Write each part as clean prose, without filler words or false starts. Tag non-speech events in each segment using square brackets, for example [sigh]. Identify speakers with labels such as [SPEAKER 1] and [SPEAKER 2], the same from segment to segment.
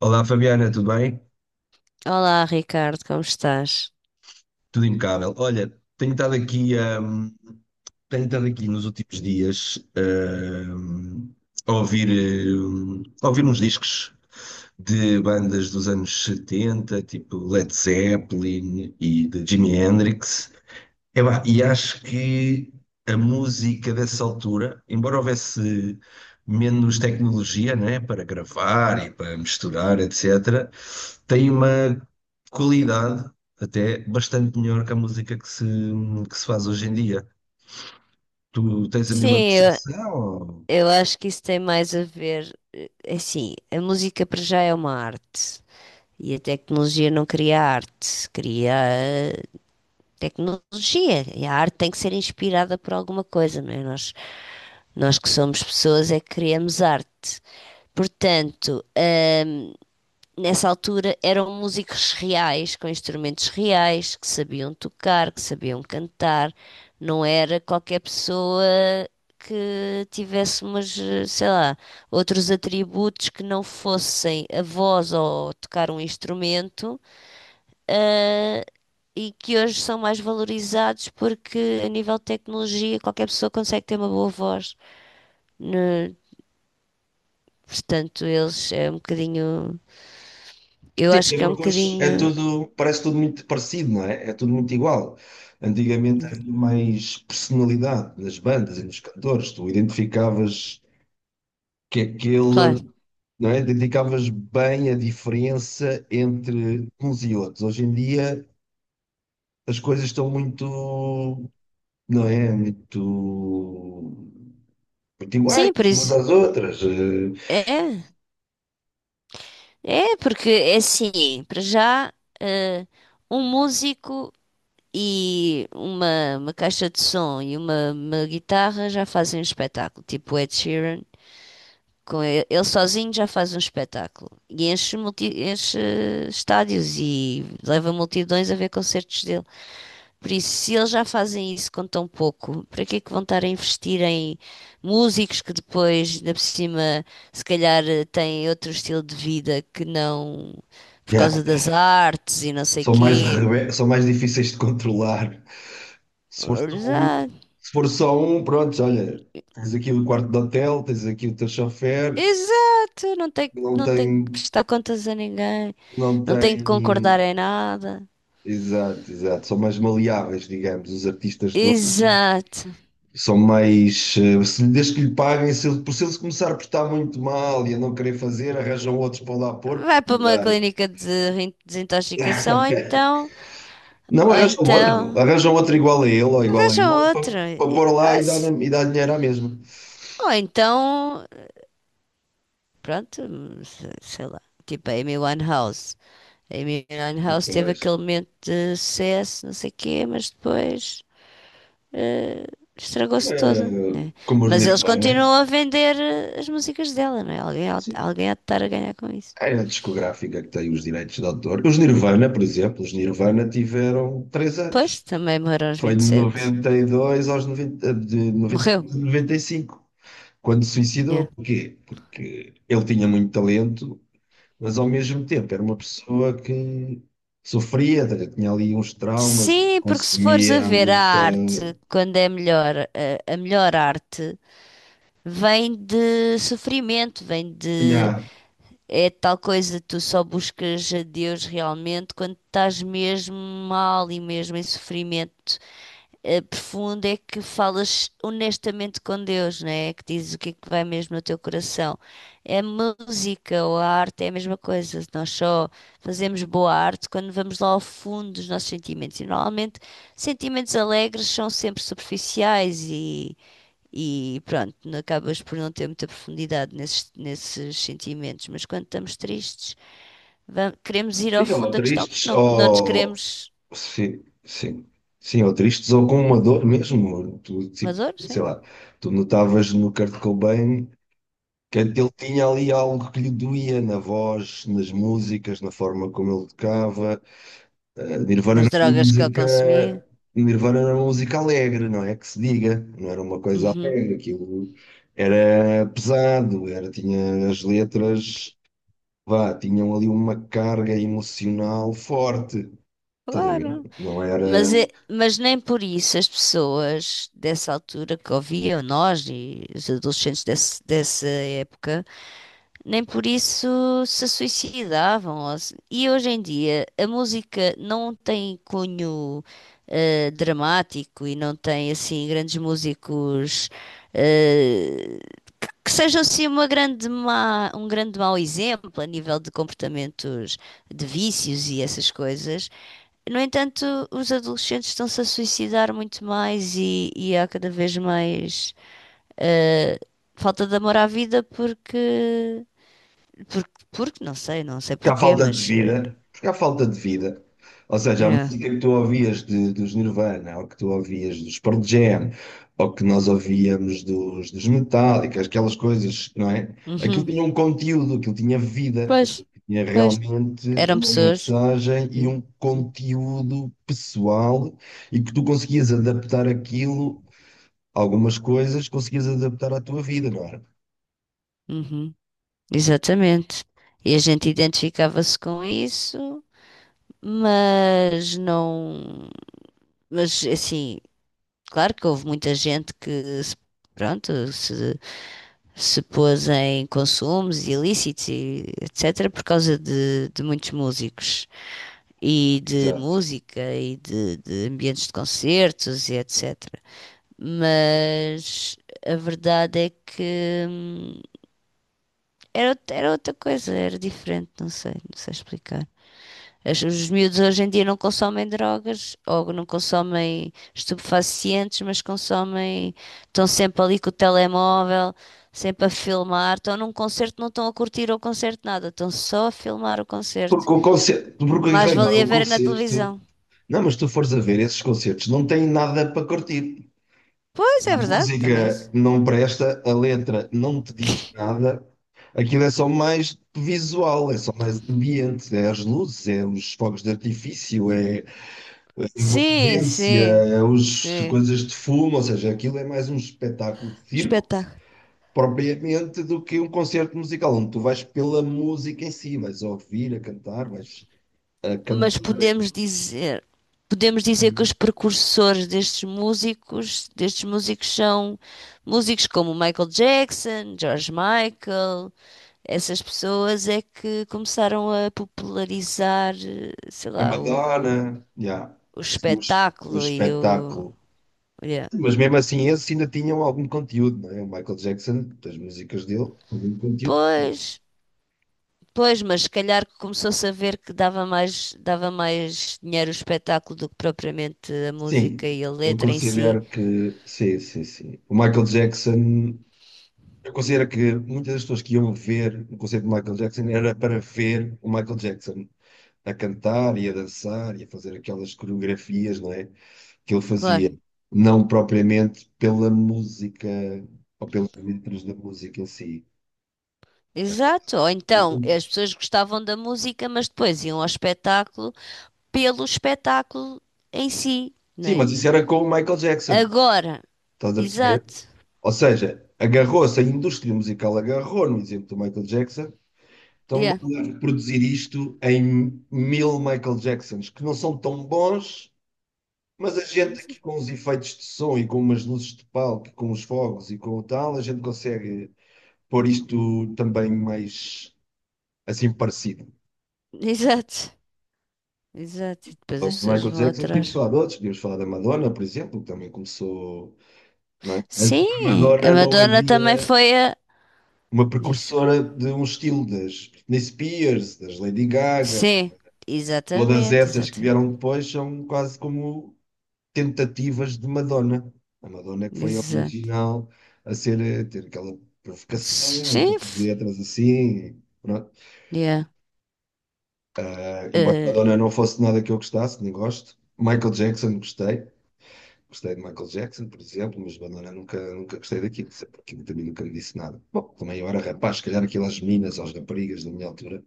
[SPEAKER 1] Olá, Fabiana, tudo bem?
[SPEAKER 2] Olá, Ricardo, como estás?
[SPEAKER 1] Tudo impecável. Olha, hum, tenho estado aqui nos últimos dias, hum, a ouvir, a ouvir uns discos de bandas dos anos 70, tipo Led Zeppelin e de Jimi Hendrix. Epá, e acho que a música dessa altura, embora houvesse menos tecnologia, né, para gravar e para misturar, etc., tem uma qualidade até bastante melhor que a música que se faz hoje em dia. Tu tens a mesma
[SPEAKER 2] Sim, eu,
[SPEAKER 1] percepção? Ou...
[SPEAKER 2] eu acho que isso tem mais a ver. Assim, a música para já é uma arte e a tecnologia não cria arte, cria tecnologia. E a arte tem que ser inspirada por alguma coisa, não é? Nós que somos pessoas é que criamos arte. Portanto, nessa altura eram músicos reais, com instrumentos reais, que sabiam tocar, que sabiam cantar. Não era qualquer pessoa que tivesse umas, sei lá, outros atributos que não fossem a voz ou tocar um instrumento, eh, e que hoje são mais valorizados porque a nível de tecnologia qualquer pessoa consegue ter uma boa voz. Né? Portanto, eles é um bocadinho, eu
[SPEAKER 1] sim,
[SPEAKER 2] acho
[SPEAKER 1] até
[SPEAKER 2] que é um
[SPEAKER 1] porque hoje é
[SPEAKER 2] bocadinho,
[SPEAKER 1] tudo, parece tudo muito parecido, não é? É tudo muito igual. Antigamente havia mais personalidade nas bandas e nos cantores, tu identificavas que aquele,
[SPEAKER 2] claro.
[SPEAKER 1] não é? Identificavas bem a diferença entre uns e outros. Hoje em dia as coisas estão muito, não é? Muito, muito iguais
[SPEAKER 2] Sim, por
[SPEAKER 1] umas
[SPEAKER 2] isso.
[SPEAKER 1] às outras.
[SPEAKER 2] É, é porque é assim, para já, eh, um músico e uma caixa de som e uma guitarra já fazem um espetáculo, tipo o Ed Sheeran, com ele sozinho já faz um espetáculo e enche, enche estádios e leva multidões a ver concertos dele. Por isso, se eles já fazem isso com tão pouco, para que é que vão estar a investir em músicos que depois, ainda por cima, se calhar têm outro estilo de vida que não por
[SPEAKER 1] Yeah.
[SPEAKER 2] causa das artes e não sei
[SPEAKER 1] São mais,
[SPEAKER 2] quê?
[SPEAKER 1] são mais difíceis de controlar. Se for só um,
[SPEAKER 2] Exato,
[SPEAKER 1] se for só um, pronto, olha, tens aqui o quarto de hotel, tens aqui o teu chofer,
[SPEAKER 2] exato, não tem,
[SPEAKER 1] não
[SPEAKER 2] não tem que
[SPEAKER 1] tem,
[SPEAKER 2] prestar contas a ninguém,
[SPEAKER 1] não
[SPEAKER 2] não tem que concordar
[SPEAKER 1] tem.
[SPEAKER 2] em nada.
[SPEAKER 1] Exato, exato. São mais maleáveis, digamos, os artistas. De
[SPEAKER 2] Exato.
[SPEAKER 1] São mais. Se, desde que lhe paguem, se ele se começar a portar muito mal e a não querer fazer, arranjam outros para lá pôr,
[SPEAKER 2] Vai
[SPEAKER 1] para
[SPEAKER 2] para uma
[SPEAKER 1] dar.
[SPEAKER 2] clínica de desintoxicação ou
[SPEAKER 1] [laughs]
[SPEAKER 2] então,
[SPEAKER 1] Não,
[SPEAKER 2] ou
[SPEAKER 1] arranjam outro.
[SPEAKER 2] então,
[SPEAKER 1] Arranjam outro igual a ele ou igual a
[SPEAKER 2] arranja
[SPEAKER 1] ele
[SPEAKER 2] outra.
[SPEAKER 1] para pôr lá e dar dinheiro à mesma.
[SPEAKER 2] Ou então, pronto, sei lá, tipo a Amy Winehouse. A Amy Winehouse teve
[SPEAKER 1] Pois.
[SPEAKER 2] aquele momento de sucesso, não sei o quê, mas depois eh, estragou-se toda,
[SPEAKER 1] Eh,
[SPEAKER 2] né?
[SPEAKER 1] como os
[SPEAKER 2] Mas eles
[SPEAKER 1] Nirvana.
[SPEAKER 2] continuam a vender as músicas dela, não é? Alguém, há-
[SPEAKER 1] Sim.
[SPEAKER 2] alguém há de estar a ganhar com isso.
[SPEAKER 1] É a discográfica que tem os direitos de autor. Os Nirvana, por exemplo, os Nirvana tiveram três
[SPEAKER 2] Pois,
[SPEAKER 1] anos.
[SPEAKER 2] também morreu aos
[SPEAKER 1] Foi
[SPEAKER 2] vinte
[SPEAKER 1] de
[SPEAKER 2] e sete
[SPEAKER 1] 92 aos noventa, de
[SPEAKER 2] Morreu?
[SPEAKER 1] 92 a noventa e cinco. Quando se suicidou,
[SPEAKER 2] Yeah.
[SPEAKER 1] porquê? Porque ele tinha muito talento, mas ao mesmo tempo era uma pessoa que sofria, tinha ali uns traumas e
[SPEAKER 2] Sim, porque se fores a
[SPEAKER 1] consumia
[SPEAKER 2] ver a
[SPEAKER 1] muita.
[SPEAKER 2] arte, quando é melhor, a melhor arte vem de sofrimento. Vem de
[SPEAKER 1] Yeah.
[SPEAKER 2] É tal coisa, tu só buscas a Deus realmente quando estás mesmo mal e mesmo em sofrimento profundo é que falas honestamente com Deus, né? É que dizes o que é que vai mesmo no teu coração. É. A música ou a arte é a mesma coisa. Nós só fazemos boa arte quando vamos lá ao fundo dos nossos sentimentos. E normalmente sentimentos alegres são sempre superficiais e pronto, acabas por não ter muita profundidade nesses sentimentos. Mas quando estamos tristes, queremos ir ao
[SPEAKER 1] Sim,
[SPEAKER 2] fundo
[SPEAKER 1] ou
[SPEAKER 2] da questão porque
[SPEAKER 1] tristes,
[SPEAKER 2] não nos
[SPEAKER 1] ou.
[SPEAKER 2] queremos.
[SPEAKER 1] Sim, sim. Sim, ou tristes, ou com uma dor mesmo. Tu, tipo,
[SPEAKER 2] Maduro,
[SPEAKER 1] sei
[SPEAKER 2] sim.
[SPEAKER 1] lá, tu notavas no Kurt Cobain que ele tinha ali algo que lhe doía na voz, nas músicas, na forma como ele tocava. Nirvana
[SPEAKER 2] Nas
[SPEAKER 1] era uma
[SPEAKER 2] drogas que eu consumi.
[SPEAKER 1] música, Nirvana era uma música alegre, não é que se diga, não era uma coisa
[SPEAKER 2] Uhum,
[SPEAKER 1] alegre, aquilo era pesado, era, tinha as letras, vá, tinham ali uma carga emocional forte, estás a ver?
[SPEAKER 2] claro,
[SPEAKER 1] Não era.
[SPEAKER 2] mas nem por isso as pessoas dessa altura que ouviam, nós e os adolescentes dessa época, nem por isso se suicidavam. Ou se- E hoje em dia a música não tem cunho dramático e não tem assim grandes músicos eh, que sejam assim um grande mau exemplo a nível de comportamentos de vícios e essas coisas. No entanto, os adolescentes estão-se a suicidar muito mais e há cada vez mais eh, falta de amor à vida porque não sei
[SPEAKER 1] Porque há
[SPEAKER 2] porquê,
[SPEAKER 1] falta de
[SPEAKER 2] mas
[SPEAKER 1] vida, porque há falta de vida. Ou seja, a
[SPEAKER 2] é.
[SPEAKER 1] música que tu ouvias dos Nirvana, ou que tu ouvias dos Pearl Jam, ou que nós ouvíamos dos Metallica, aquelas coisas, não é? Aquilo
[SPEAKER 2] Uhum.
[SPEAKER 1] tinha um conteúdo, aquilo tinha vida,
[SPEAKER 2] Pois,
[SPEAKER 1] aquilo tinha
[SPEAKER 2] pois,
[SPEAKER 1] realmente
[SPEAKER 2] eram
[SPEAKER 1] uma
[SPEAKER 2] pessoas.
[SPEAKER 1] mensagem e um conteúdo pessoal e que tu conseguias adaptar aquilo, algumas coisas conseguias adaptar à tua vida, não era?
[SPEAKER 2] Uhum. Exatamente. E a gente identificava-se com isso, mas não, mas assim, claro que houve muita gente que se- pronto, se se pôs em consumos ilícitos e etc. por causa de muitos músicos e de
[SPEAKER 1] Exato.
[SPEAKER 2] música e de ambientes de concertos e etc. Mas a verdade é que era outra coisa, era diferente, não sei, explicar. Os miúdos hoje em dia não consomem drogas ou não consomem estupefacientes, mas consomem, estão sempre ali com o telemóvel, sempre a filmar, estão num concerto, não estão a curtir o concerto nada, estão só a filmar o concerto.
[SPEAKER 1] Porque o concerto, porque em
[SPEAKER 2] Mais
[SPEAKER 1] realidade
[SPEAKER 2] valia
[SPEAKER 1] o
[SPEAKER 2] ver na
[SPEAKER 1] concerto.
[SPEAKER 2] televisão.
[SPEAKER 1] Não, mas tu fores a ver esses concertos, não tem nada para curtir.
[SPEAKER 2] Pois é
[SPEAKER 1] A
[SPEAKER 2] verdade, também. É
[SPEAKER 1] música
[SPEAKER 2] isso.
[SPEAKER 1] não presta, a letra não te diz nada. Aquilo é só mais visual, é só mais ambiente, é as luzes, é os fogos de artifício, é a
[SPEAKER 2] Sim,
[SPEAKER 1] envolvência,
[SPEAKER 2] sim,
[SPEAKER 1] é os
[SPEAKER 2] sim.
[SPEAKER 1] coisas de fumo, ou seja, aquilo é mais um espetáculo de circo
[SPEAKER 2] Espetáculo.
[SPEAKER 1] propriamente do que um concerto musical, onde tu vais pela música em si, vais ouvir a cantar, vais a
[SPEAKER 2] Mas
[SPEAKER 1] cantar.
[SPEAKER 2] podemos dizer que os precursores destes músicos são músicos como Michael Jackson, George Michael, essas pessoas é que começaram a popularizar, sei
[SPEAKER 1] A
[SPEAKER 2] lá,
[SPEAKER 1] Madonna,
[SPEAKER 2] o,
[SPEAKER 1] yeah,
[SPEAKER 2] o
[SPEAKER 1] o
[SPEAKER 2] espetáculo e
[SPEAKER 1] espetáculo.
[SPEAKER 2] olha,
[SPEAKER 1] Mas mesmo assim, esses ainda tinham algum conteúdo, não é? O Michael Jackson, das músicas dele, algum conteúdo.
[SPEAKER 2] pois, pois, mas se calhar começou-se a ver que dava mais dinheiro o espetáculo do que propriamente a música
[SPEAKER 1] Sim,
[SPEAKER 2] e a
[SPEAKER 1] eu
[SPEAKER 2] letra em si.
[SPEAKER 1] considero que. Sim, sim, sim. O Michael Jackson. Eu considero que muitas das pessoas que iam ver o concerto de Michael Jackson era para ver o Michael Jackson a cantar e a dançar e a fazer aquelas coreografias, não é? Que ele fazia,
[SPEAKER 2] Claro.
[SPEAKER 1] não propriamente pela música ou pelas letras da música em si.
[SPEAKER 2] Exato, ou então as pessoas gostavam da música, mas depois iam ao espetáculo pelo espetáculo em si,
[SPEAKER 1] Sim, mas
[SPEAKER 2] né?
[SPEAKER 1] isso era com o Michael Jackson,
[SPEAKER 2] Agora,
[SPEAKER 1] estás a perceber?
[SPEAKER 2] exato,
[SPEAKER 1] Ou seja, agarrou-se, a indústria musical agarrou no exemplo do Michael Jackson, então
[SPEAKER 2] yeah.
[SPEAKER 1] vamos reproduzir isto em mil Michael Jacksons, que não são tão bons, mas a gente aqui com
[SPEAKER 2] [laughs]
[SPEAKER 1] os efeitos de som e com umas luzes de palco, com os fogos e com o tal, a gente consegue pôr isto também mais assim parecido.
[SPEAKER 2] Exato, exato, e depois as
[SPEAKER 1] Os
[SPEAKER 2] pessoas
[SPEAKER 1] Michael
[SPEAKER 2] vão
[SPEAKER 1] Jackson tínhamos
[SPEAKER 2] atrás.
[SPEAKER 1] falado de outros, tínhamos falado da Madonna, por exemplo, que também começou, não é? Antes
[SPEAKER 2] Sim,
[SPEAKER 1] da
[SPEAKER 2] a
[SPEAKER 1] Madonna não
[SPEAKER 2] Madonna também
[SPEAKER 1] havia
[SPEAKER 2] foi a.
[SPEAKER 1] uma
[SPEAKER 2] Disco.
[SPEAKER 1] precursora de um estilo das Britney Spears, das Lady Gaga,
[SPEAKER 2] Sim,
[SPEAKER 1] todas
[SPEAKER 2] exatamente,
[SPEAKER 1] essas que
[SPEAKER 2] exatamente,
[SPEAKER 1] vieram depois são quase como tentativas de Madonna. A Madonna é que foi a
[SPEAKER 2] exato.
[SPEAKER 1] original a ser, a ter aquela provocação,
[SPEAKER 2] Sim,
[SPEAKER 1] aquelas
[SPEAKER 2] f-
[SPEAKER 1] letras assim, pronto.
[SPEAKER 2] Yeah.
[SPEAKER 1] Ah, embora
[SPEAKER 2] Eh,
[SPEAKER 1] Madonna não fosse nada que eu gostasse, nem gosto, Michael Jackson gostei. Gostei de Michael Jackson, por exemplo, mas Madonna nunca, nunca gostei daquilo, sempre aquilo também nunca me disse nada. Bom, também eu era rapaz, se calhar aquilo às meninas, aos raparigas da minha altura,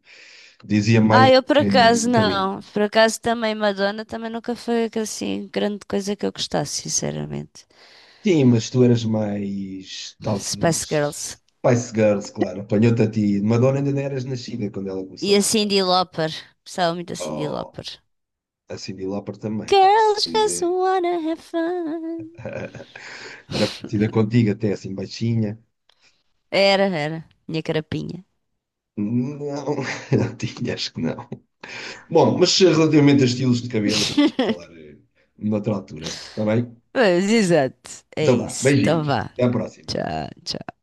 [SPEAKER 1] dizia mais
[SPEAKER 2] Ah, eu por acaso
[SPEAKER 1] do que a mim.
[SPEAKER 2] não. Por acaso também Madonna também nunca foi assim grande coisa que eu gostasse, sinceramente.
[SPEAKER 1] Sim, mas tu eras mais,
[SPEAKER 2] Spice
[SPEAKER 1] talvez,
[SPEAKER 2] Girls.
[SPEAKER 1] Spice Girls, claro, apanhou-te a ti. Madonna ainda não eras nascida quando ela
[SPEAKER 2] E
[SPEAKER 1] começou.
[SPEAKER 2] a Cyndi Lauper. Gostava muito da Cyndi
[SPEAKER 1] Oh,
[SPEAKER 2] Lauper.
[SPEAKER 1] a Cyndi Lauper também, pode-se
[SPEAKER 2] Girls just
[SPEAKER 1] dizer.
[SPEAKER 2] wanna have fun.
[SPEAKER 1] [laughs] Era parecida contigo, até assim baixinha.
[SPEAKER 2] Era, era. Minha carapinha.
[SPEAKER 1] Não, [laughs] não tinha, acho que não. Bom, mas relativamente a estilos de cabelo, vou falar
[SPEAKER 2] [laughs]
[SPEAKER 1] noutra altura, está bem?
[SPEAKER 2] Pois, exato. É
[SPEAKER 1] Então vá,
[SPEAKER 2] isso. Então
[SPEAKER 1] beijinhos,
[SPEAKER 2] vá.
[SPEAKER 1] até à próxima.
[SPEAKER 2] Tchau.